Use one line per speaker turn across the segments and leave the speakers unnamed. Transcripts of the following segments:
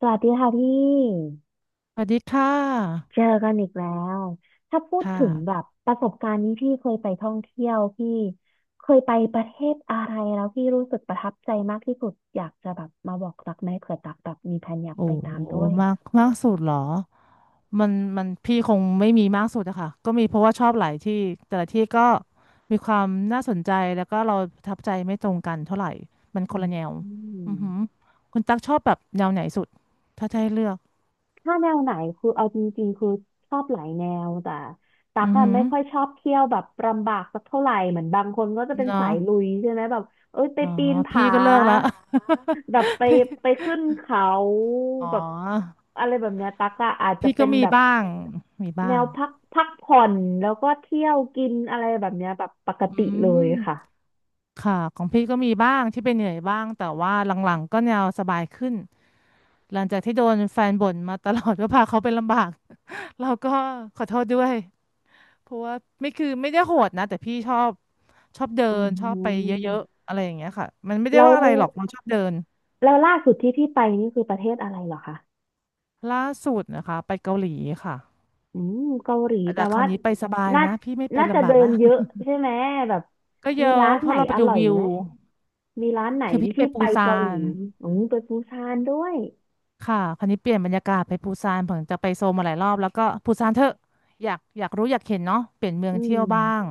สวัสดีค่ะพี่
สวัสดีค่ะ
เจอกันอีกแล้วถ้าพูด
ค่
ถึงแบ
ะ
บประสบการณ์นี้พี่เคยไปท่องเที่ยวพี่เคยไปประเทศอะไรแล้วพี่รู้สึกประทับใจมากที่สุดอยากจะแบบมาบอกรักไหมเผื่อตักแบบมีแผนอยาก
โอ้
ไปตามด้วย
มากมากสุดเหรอมันพี่คงไม่มีมากสุดอะค่ะก็มีเพราะว่าชอบหลายที่แต่ละที่ก็มีความน่าสนใจแล้วก็เราประทับใจไม่ตรงกันเท่าไหร่มันคนละแนว
อืม
อือหือคุณตั๊กชอบแบบแนวไหนสุดถ้าจะให้เลือก
ถ้าแนวไหนคือเอาจริงๆคือชอบหลายแนวแต่ตัก
อือ
อะ
หือ
ไม่ค่อยชอบเที่ยวแบบลำบากสักเท่าไหร่เหมือนบางคนก็จะเป็น
เนาะ
สายลุยใช่ไหมแบบเอ้ยไป
อ๋อ
ปีน
พี่
ผา
ก็เลิกละ
แบบไปขึ้นเขา
อ๋
แบบ
อ
อะไรแบบเนี้ยตักอะอาจจะ
พี่
เป็
ก็
น
มี
แบบ
บ้างมี
แน
บ้าง
วพักผ่อนแล้วก็เที่ยวกินอะไรแบบเนี้ยแบบปก
อื
ติเลย
ม
ค่ะ
ค่ะของพี่ก็มีบ้างที่เป็นเหนื่อยบ้างแต่ว่าหลังๆก็แนวสบายขึ้นหลังจากที่โดนแฟนบ่นมาตลอดว่าพาเขาเป็นลำบาก เราก็ขอโทษด้วยเพราะว่าไม่คือไม่ได้โหดนะแต่พี่ชอบเดิ
อื
นชอบไปเยอะ
ม
ๆอะไรอย่างเงี้ยค่ะมันไม่ได้
แล้ว
ว่าอะไรหรอกเราชอบเดิน
แล้วล่าสุดที่พี่ไปนี่คือประเทศอะไรเหรอคะ
ล่าสุดนะคะไปเกาหลีค่ะ
อืมเกาหลีแปล
แต่ครา
ว่า
วนี้ไปสบาย
น่า
นะพี่ไม่ไป
น่าจะ
ลำบา
เดิ
กแล้
น
ว
เยอะใช่ไหมแบบ
ก็เย
มี
อะ
ร้าน
เพ
ไหน
ราะเราไป
อ
ดู
ร่อย
วิว
ไหมมีร้านไหน
คือพี่
ที่
ไป
พี่
ปู
ไป
ซา
เกาหลี
น
อืมไปปูซานด้วย
ค่ะคราวนี้เปลี่ยนบรรยากาศไปปูซานผมจะไปโซลมาหลายรอบแล้วก็ปูซานเถอะอยากอยากรู้อยากเห็นเนาะเปลี่ยนเมือ
อื
งเที่ย
ม
วบ้าง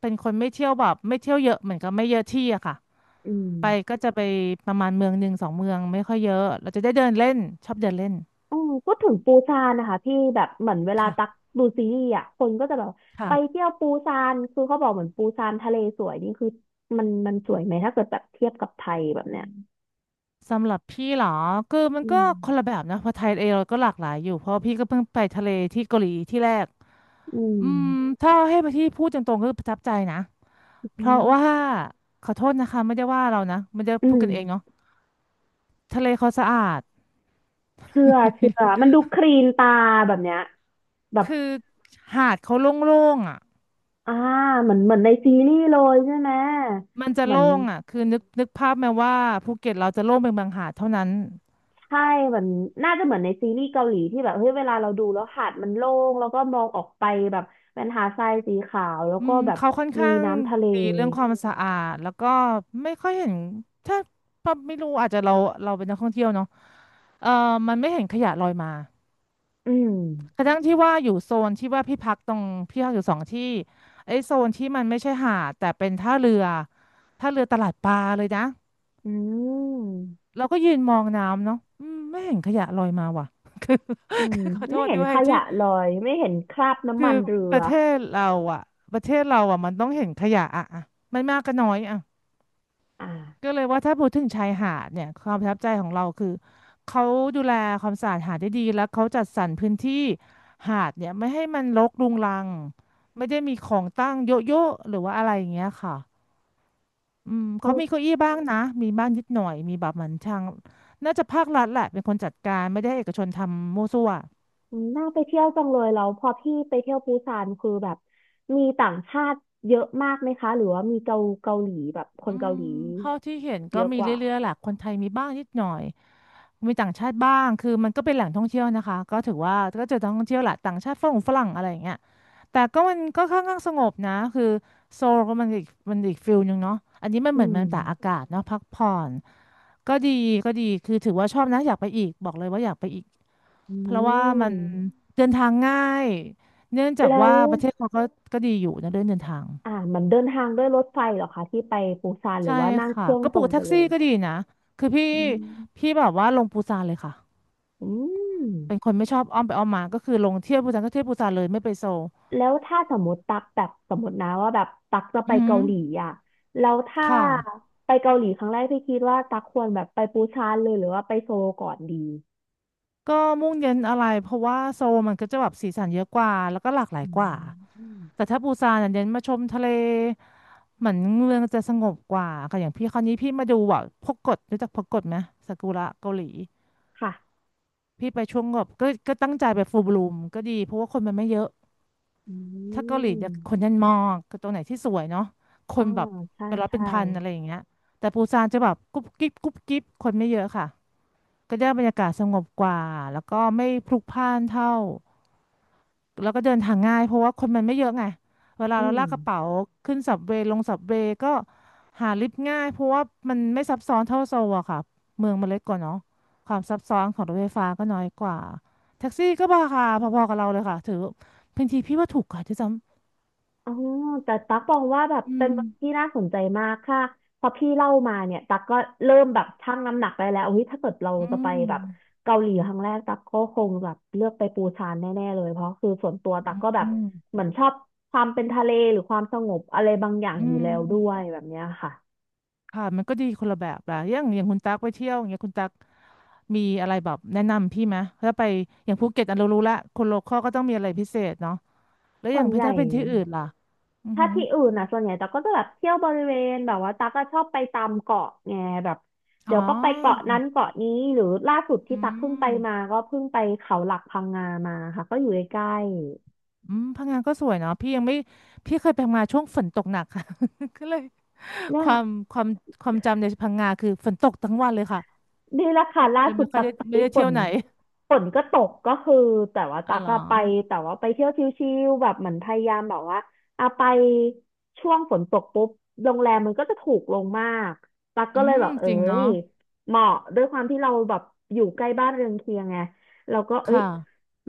เป็นคนไม่เที่ยวแบบไม่เที่ยวเยอะเหมือนกับไม่เยอะที่อะค่ะ
อื
ไป
ม
ก็จะไปประมาณเมืองหนึ่งสองเมืองไม่ค่อยเยอะเราจะได้เดินเล่นชอบเดินเล่น
อืมพูดถึงปูซานนะคะพี่แบบเหมือนเวลาตัก
ค่ะ
ดูซีรีส์อ่ะคนก็จะแบบไป
ค่ะ
เที่ยวปูซานคือเขาบอกเหมือนปูซานทะเลสวยนี่คือมันสวยไหมถ้าเกิดแบบเทียบกับไทยแบบเนี้ย
สำหรับพี่เหรอคือมัน
อื
ก็
ม
คนละแบบนะเพราะไทยเองเราก็หลากหลายอยู่เพราะว่าพี่ก็เพิ่งไปทะเลที่เกาหลีที่แรก
อื
อื
ม
มถ้าให้พี่พูดตรงๆก็คือประทับใจนะ เพ
อื
ราะว่า
ม
ขอโทษนะคะไม่ได้ว่าเรานะไม่ได้
อื
พูด
ม
กันเองเนาะทะเลเขาสะอาด
เชื่อเชื่อ มันดูคลีนตาแบบเนี้ยแบบ
คือหาดเขาโล่งๆอ่ะ
อ่าเหมือนในซีรีส์เลยใช่ไหม
มันจะ
เหมือน
โล่งอ่ะคือนึกภาพไหมว่าภูเก็ตเราจะโล่งเป็นบางหาดเท่านั้น
ใช่เหมือนน่าจะเหมือนในซีรีส์เกาหลีที่แบบเฮ้ยเวลาเราดูแล้วหาดมันโล่งแล้วก็มองออกไปแบบเป็นหาดทรายสีขาวแล้ว
อื
ก็
ม
แบบ
เขาค่อน
มี
ข้าง
น้ำทะเล
ดีเรื่องความสะอาดแล้วก็ไม่ค่อยเห็นถ้าปั๊บไม่รู้อาจจะเราเป็นนักท่องเที่ยวเนาะเออมันไม่เห็นขยะลอยมา
อืม
กระทั่งที่ว่าอยู่โซนที่ว่าพี่พักตรงพี่พักอยู่สองที่ไอ้โซนที่มันไม่ใช่หาดแต่เป็นท่าเรือตลาดปลาเลยนะ
อืม
เราก็ยืนมองน้ำเนาะอืมไม่เห็นขยะลอยมาว่ะ คือ
อืม
คือขอโท
ไม่
ษ
เห็
ด้
น
วย
ข
ที่
ยะลอย ไม่เห็นคราบน้ำ
คื
มั
อ
นเรื
ป
อ
ระเทศเราอ่ะประเทศเราอ่ะมันต้องเห็นขยะอ่ะอะไม่มากก็น้อยอ่ะ
อ
ก็
่า
เลยว่าถ้าพูดถึงชายหาดเนี่ยความประทับใจของเราคือเขาดูแลความสะอาดหาดได้ดีแล้วเขาจัดสรรพื้นที่หาดเนี่ยไม่ให้มันรกรุงรังไม่ได้มีของตั้งเยอะๆหรือว่าอะไรอย่างเงี้ยค่ะอืมเขามีเก้าอี้บ้างนะมีบ้างนิดหน่อยมีแบบเหมือนทางน่าจะภาครัฐแหละเป็นคนจัดการไม่ได้ให้เอกชนทำมั่วซั่ว
อืมน่าไปเที่ยวจังเลยแล้วพอพี่ไปเที่ยวปูซานคือแบบมีต่างชาติเยอะมากไหมคะหรือว่ามีเกาหลีแบบค
อื
นเกาห
ม
ลี
เท่าที่เห็น
เย
ก็
อะ
มี
กว่า
เรื่อยๆแหละคนไทยมีบ้างนิดหน่อย มีต่างชาติบ้าง คือมันก็เป็นแหล่งท่องเที่ยวนะคะ ก็ถือว่าก็เจอท่องเที่ยวแหละต่างชาติฝรั่งฝรั่งอะไรอย่างเงี้ยแต่ก็มันก็ค่อนข้างสงบนะคือโซลก็มันอีกฟิลหนึ่งเนาะอันนี้มัน
อื
เหมือนมัน
ม
ตากอากาศเนาะพักผ่อนก็ดีก็ดี คือถือว่าชอบนะอยากไปอีกบอกเลยว่าอยากไปอีก
อื
เพราะว่ามัน
ม
เดินทางง่ายเนื่องจาก
แล้
ว่า
ว
ประเทศเขาก็ดีอยู่นะเรื่องเดินทาง
อ่ามันเดินทางด้วยรถไฟเหรอคะที่ไปปูซานหรื
ใช่
อว่านั่งเค
ค่ะ
รื่อง
ก็ป
ตร
ลู
ง
ก
ไป
แท็ก
เล
ซี่
ย
ก็ดีนะคือพี่
อืม
แบบว่าลงปูซานเลยค่ะ
อืม
เป็นคนไม่ชอบอ้อมไปอ้อมมาก็คือลงเที่ยวปูซานก็เที่ยวปูซานเลยไม่ไปโซล
แล้วถ้าสมมติตักแบบสมมตินะว่าแบบตักจะไป
อือหื
เกา
อ
หลีอ่ะแล้วถ้า
ค่ะ
ไปเกาหลีครั้งแรกพี่คิดว่าตักควรแบบไปปูซานเลยหรือว่าไปโซลก่อนดี
ก็มุ่งเน้นอะไรเพราะว่าโซลมันก็จะแบบสีสันเยอะกว่าแล้วก็หลากหลาย
อื
กว่า
ม
แต่ถ้าปูซานเน่ยเน้นมาชมทะเลเหมือนเมืองจะสงบกว่าค่ะอย่างพี่คราวนี้พี่มาดูว่าพกกดรู้จักพกกดไหมซากุระเกาหลี
ค่ะ
พี่ไปช่วงแบบก็ตั้งใจไปฟูลบลูมก็ดีเพราะว่าคนมันไม่เยอะ
อื
ถ้าเกาหลี
ม
จะคนยันมองคือตรงไหนที่สวยเนาะค
อ๋อ
นแบบ
ใช่
เป็นร้อยเป็น
ใช่
พันอะไรอย่างเงี้ยแต่ปูซานจะแบบกุ๊บกิ๊บกุ๊บกิ๊บคนไม่เยอะค่ะก็ได้บรรยากาศสงบกว่าแล้วก็ไม่พลุกพล่านเท่าแล้วก็เดินทางง่ายเพราะว่าคนมันไม่เยอะไงเวลา
อื
เรา
ม
ลากกระเป๋าขึ้นสับเวย์ลงสับเวย์ก็หาลิฟต์ง่ายเพราะว่ามันไม่ซับซ้อนเท่าโซลอะค่ะเมืองมันเล็กกว่าเนาะความซับซ้อนของรถไฟฟ้าก็น้อยกว่าแท็กซี่ก็ราคาพอๆกับเราเลยค่ะถือบางทีพี่ว่าถูกกว่าด้วยซ้
อ๋อแต่ตักบอกว่าแบบ
ำอื
เป็น
ม
เมืองที่น่าสนใจมากค่ะพอพี่เล่ามาเนี่ยตักก็เริ่มแบบชั่งน้ำหนักได้แล้วเฮ้ยถ้าเกิดเรา
อื
จะไป
ม
แบบเกาหลีครั้งแรกตักก็คงแบบเลือกไปปูซานแน่ๆเลยเพราะคือส่วนตัวตักก็แบบ
อืม
เหมือนชอบความเป็นทะเลหรือความสงบอะไรบางอย่าง
อื
อยู่แล้วด้วย
ม
แบบเนี้ยค่ะ
ค่ะมันก็ดีคนละแบบละอย่างอย่างคุณตั๊กไปเที่ยวอย่างเงี้ยคุณตั๊กมีอะไรแบบแนะนำพี่ไหมถ้าไปอย่างภูเก็ตอันเรารู้ละคนโลคอลก็ต้องมีอะไรพิเศษเนาะแล้วอ
ส่ว
ย่าง
นใหญ่
ถ้าเป็นที่อื่นล่ะอือ
ถ้า
หือ
ที่อื่นอ่ะส่วนใหญ่ตั๊กก็จะแบบเที่ยวบริเวณแบบว่าตั๊กก็ชอบไปตามเกาะไงแบบเดี๋ย
อ๋อ
วก็ไปเกาะนั้นเกาะนี้หรือล่าสุด
อื
ที่ตั๊กเพิ่งไปมา
ม
ก็เพิ่งไปเขาหลักพังงามาค่ะก็อยู่ใกล้
อืมพังงานก็สวยเนาะพี่ยังไม่พี่เคยไปพังงาช่วงฝนตกหนัก ค่ะ ก็เลย
ๆเนี่
ค
ย
วามความความจำในพังงาคือฝนตกทั้งวันเลยค่ะ
นี่แหละค่ะล่า
เลย
สุด
ไม่ค่อ
ตั
ย
ก
ได้
ไป
ไม่ได้
ฝ
เที่ยว
น
ไหน
ฝนก็ตกก็คือแต่ว่า
อ๋
ตั
อ
ก
เหรอ
อะไปแต่ว่าไปเที่ยวชิลๆแบบเหมือนพยายามแบบว่าอะไปช่วงฝนตกปุ๊บโรงแรมมันก็จะถูกลงมากตัก
อื
ก็เลย
ม
แบบเอ้
จริงเนาะ
ยเหมาะด้วยความที่เราแบบอยู่ใกล้บ้านเรือนเคียงไงเราก็เอ้ย
ค่ะ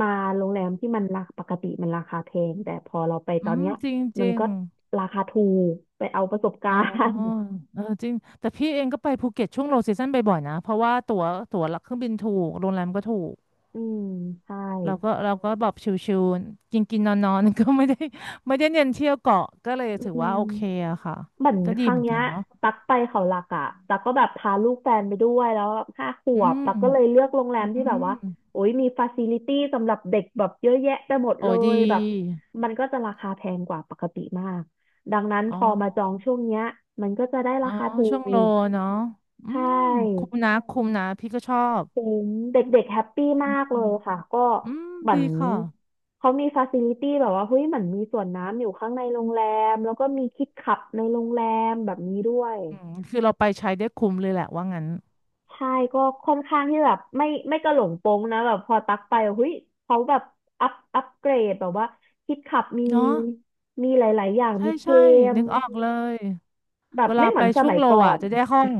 มาโรงแรมที่มันราปกติมันราคาแพงแต่พอเราไปต
อื
อน
ม
เนี้ย
จริงจ
มัน
ริง
ก็ราคาถูกไปเอาประสบกา
อ๋อ
รณ์
เออจริง แต่พี่เองก็ไปภูเก็ตช่วงโลซีซั่นบ่อยๆนะ เพราะว่าตั๋วหลักเครื่องบินถูก โรงแรมก็ถูก
อืมใช่
เราก็แบบชิวๆกินกินนอนนอนๆ ก็ไม่ได้ ไม่ได้เน้นเที่ยวเกาะก็เลย
อื
ถือว่า
ม
โอเคอะค่ะ
เหมือน
ก็
ค
ดี
รั้
เห
ง
มือน
เนี้
กั
ย
นเนาะ
ตักไปเขาหลักอะตักก็แบบพาลูกแฟนไปด้วยแล้วห้าข
อื
วบตักก็เลย
ม
เลือกโรงแรมที่
อื
แบบว่า
ม
โอ้ยมีฟาซิลิตี้สำหรับเด็กแบบเยอะแยะไปหมดเล
โอ้ยดี
ยแบบมันก็จะราคาแพงกว่าปกติมากดังนั้น
อ๋
พ
อ
อมาจองช่วงเนี้ยมันก็จะได้
อ๋อ
ราคาถู
ช่วงโล
ก
เนาะอื
ใช่
มคุ้มนะคุ้มนะพี่ก็ชอบ
คุ้มเด็กๆแฮปปี้
อื
มาก
ม
เลยค่ะก็
อืม
เหมือน
ดีค่ะ
เขามีฟาซิลิตี้แบบว่าเฮ้ยเหมือนมีสวนน้ำอยู่ข้างในโรงแรมแล้วก็มีคิดขับในโรงแรมแบบนี้ด้วย
อืมคือเราไปใช้ได้คุ้มเลยแหละว่างั้น
ใช่ก็ค่อนข้างที่แบบไม่กระหลงโปงนะแบบพอตักไปเฮ้ยเขาแบบอัพเกรดแบบว่าคิดขับมี
เนาะ
มีหลายๆอย่าง
ใช่
มีเก
ใช่
ม
นึกออกเลย
แบ
เว
บ
ลา
ไม่เหมื
ไป
อนส
ช่วง
มัย
โล
ก่อ
อ่ะ
น
จะได้ห้อง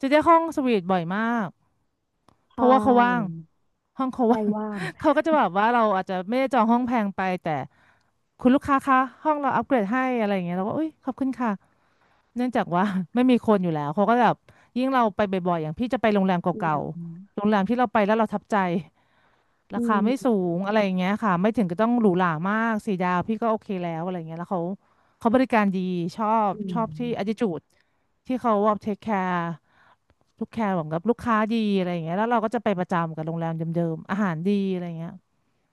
จะได้ห้องสวีทบ่อยมากเพ
ใช่
ราะว่าเขาว่างห้องเขา
ไป
ว่าง
ว่าง
เขาก็จะแบบว่าเราอาจจะไม่ได้จองห้องแพงไปแต่คุณลูกค้าคะห้องเราอัปเกรดให้อะไรอย่างเงี้ยเราก็อุ้ยขอบคุณค่ะเนื่องจากว่า ไม่มีคนอยู่แล้วเขาก็แบบยิ่งเราไปบ่อยๆอย่างพี่จะไปโรงแรม
อื
เก่า
ม
ๆโรงแรมที่เราไปแล้วเราทับใจ
อื
ราคาไม่สู
ม
งอะไรอย่างเงี้ยค่ะไม่ถึงก็ต้องหรูหรามากสี่ดาวพี่ก็โอเคแล้วอะไรเงี้ยแล้วเขาบริการดีชอบ
อื
ชอบที่
ม
attitude ที่เขาว่า take care ลูกแคร์ของกับลูกค้าดีอะไรอย่างเงี้ยแล้วเราก็จะไปประจำกับโรงแรมเดิมๆอาหารดีอะไรเงี้ย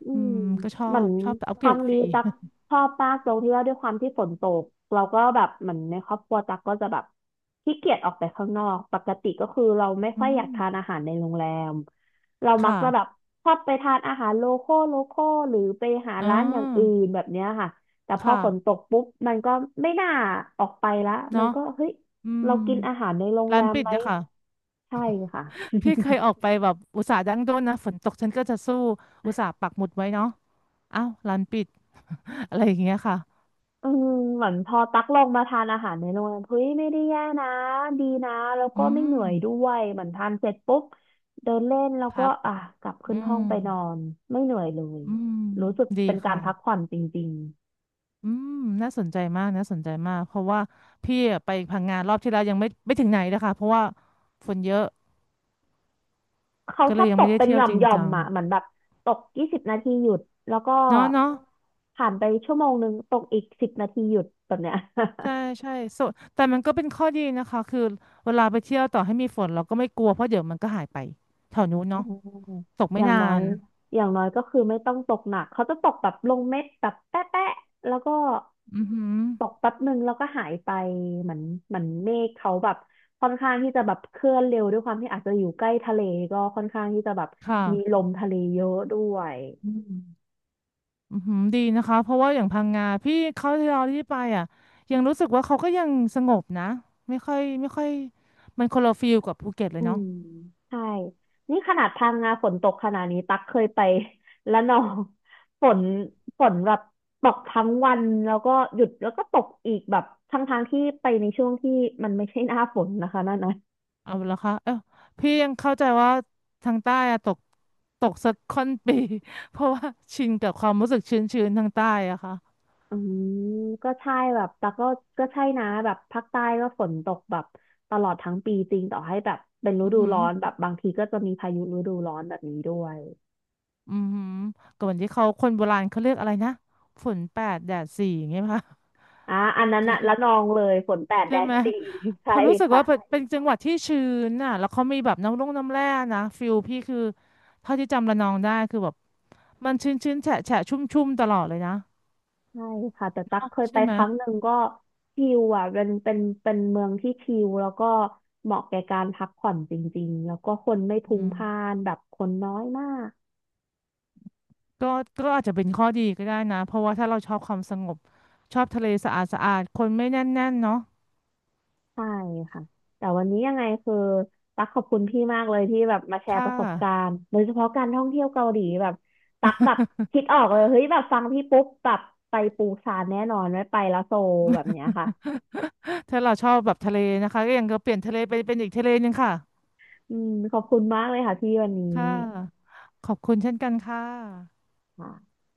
อื
อื
ม
มก็ชอ
เหมือ
บ
น
ชอบอัป
ค
เกร
รั้
ด
ง
ฟ
นี้
รี
ตักชอบมากตรงที่ว่าด้วยความที่ฝนตกเราก็แบบเหมือนในครอบครัวตักก็จะแบบขี้เกียจออกไปข้างนอกปกติก็คือเราไม่
อื
ค่อยอยาก
ม
ทานอาหารในโรงแรมเรามักจะแบบ
ค่ะ
ชอบไปทานอาหารโลคอลหรือไปหา
อ๋อ
ร้านอย่างอื่นแบบเนี้ยค่ะแต่พอฝนต
ค่ะ
กปุ๊บมันก็ไม่น่าออกไปละมั
เนาะ
นก็เฮ้ย
อืม
เรากินอาหารในโรง
ร้า
แร
น
ม
ปิด
ไหม
เนยคะ
ใช่ค่ะ
พี่เคยออกไปแบบอุตส่าห์ดั้งด้นนะฝนตกฉันก็จะสู้อุตส่าห์ปักหมุดไว้เนาะอ้าวร้านปิด อะไรอย่างเงี้ยค่ะ
อืมเหมือนพอตักลงมาทานอาหารในโรงแรมเฮ้ยไม่ได้แย่นะดีนะแล้ว
อื
ก็ไม่เหนื่
ม
อยด้วยเหมือนทานเสร็จปุ๊บเดินเล่นแล้วก็
พัก
อ่ะกลับขึ้
อื
นห้อง
ม
ไปนอนไม่เหนื่อยเลย
อืม
รู้สึก
ดี
เป็นการ
ค่ะ
พักผ่อนจริง
อืมน่าสนใจมากน่าสนใจมากเพราะว่าพี่อะไปพังงานรอบที่แล้วยังไม่ไม่ถึงไหนนะคะเพราะว่าฝนเยอะ
ๆเขา
ก็
ช
เล
อ
ย
บ
ยัง
ต
ไม่
ก
ได้
เป็น
เที่
ห
ยว
ย่อ
จ
ม
ริง
หย่อม
จัง
อ่ะเหมือนแบบตก20 นาทีหยุดแล้วก็
เนาะเนาะ
ผ่านไป1 ชั่วโมงตกอีกสิบนาทีหยุดแบบเนี้ย
ใช่ใช่ส่วนแต่มันก็เป็นข้อดีนะคะคือเวลาไปเที่ยวต่อให้มีฝนเราก็ไม่กลัวเพราะเดี๋ยวมันก็หายไปแถวนู้น
อื
เนาะ
ม
ตก
อ
ไม่
ย่าง
นา
น้อย
น
อย่างน้อยก็คือไม่ต้องตกหนักเขาจะตกแบบลงเม็ดแบบแป๊ะแป๊ะแล้วก็
อือหือ
ตกแป๊บหนึ่งแล้วก็หายไปเหมือนเหมือนเมฆเขาแบบค่อนข้างที่จะแบบเคลื่อนเร็วด้วยความที่อาจจะอยู่ใกล้ทะเลก็ค่อนข้างที่จะแบบ
ค่ะ
มีลมทะเลเยอะด้วย
อืมอือหือดีนะคะ เพราะว่าอย่างพังงาพี่เขาที่เราที่ไปอ่ะยังรู้สึกว่าเขาก็ยังสงบนะไม่ค่อยไม่ค่อยมันคนละฟีลกับภูเก็ตเล
อื
ยเนาะ
มใช่นี่ขนาดพังงาฝนตกขนาดนี้ตักเคยไป และนองฝนฝนแบบตกทั้งวันแล้วก็หยุดแล้วก็ตกอีกแบบทั้งทางที่ไปในช่วงที่มันไม่ใช่หน้าฝนนะคะนั่นนะ
เอาละคะเออพี่ยังเข้าใจว่าทางใต้อะตกตกสักค่อนปี เพราะว่าชินกับความรู้สึกชื้นๆทางใต้อะค่ะ
อืมก็ใช่แบบแต่ก็ใช่นะแบบภาคใต้ก็ฝนตกแบบตลอดทั้งปีจริงต่อให้แบบเป็นฤ
อือ
ดู
หือ
ร้อนแบบบางทีก็จะมีพายุฤดูร้อนแบบนี้ด้วย
อือหือก่อนที่เขาคนโบราณเขาเรียกอะไรนะฝนแปดแดดสี่อย่างเงี้ยป่ะ
อ่ะอันนั้นอะ
คือ
ละนองเลยฝนแปด
ใช่
แดน
ไหม
สี่
พ
ใช่
อรู้สึก
ค่ะ
ว่าเป็นจังหวัดที่ชื้นน่ะแล้วเขามีแบบน้ำร่องน้ำแร่นะฟิลพี่คือเท่าที่จำระนองได้คือแบบมันชื้นชื้นแฉะแฉะชุ่มชุ่มๆตลอดเลยนะ
ใช่ค่ะแต่ตั๊กเคยไป
ใช่ไหม
ครั้งหนึ่งก็ชิลอ่ะเป็นเมืองที่ชิลแล้วก็เหมาะแก่การพักผ่อนจริงๆแล้วก็คนไม่พลุ
อื
กพ
ม
ล่านแบบคนน้อยมาก
ก็ก็อาจจะเป็นข้อดีก็ได้นะเพราะว่าถ้าเราชอบความสงบชอบทะเลสะอาดสะอาดคนไม่แน่นแน่นเนาะ
ใช่ค่ะแต่วันนี้ยังไงคือตักขอบคุณพี่มากเลยที่แบบมาแชร์
ค่
ประสบกา
ะ
รณ์โดยเฉพาะการท่องเที่ยวเกาหลีแบบตักแบบคิดออกเลยเฮ้ยแบบฟังพี่ปุ๊บแบบไปปูซานแน่นอนไว้ไปแล้วโซลแบบเนี้ยค่ะ
ถ้าเราชอบแบบทะเลนะคะก็ยังก็เปลี่ยนทะเลไปเป็นอีกทะเลหนึงค่ะ
อืมขอบคุณมากเลยค่ะพี่วันนี้
ค่ะขอบคุณเช่นกันค่ะ
ค่ะ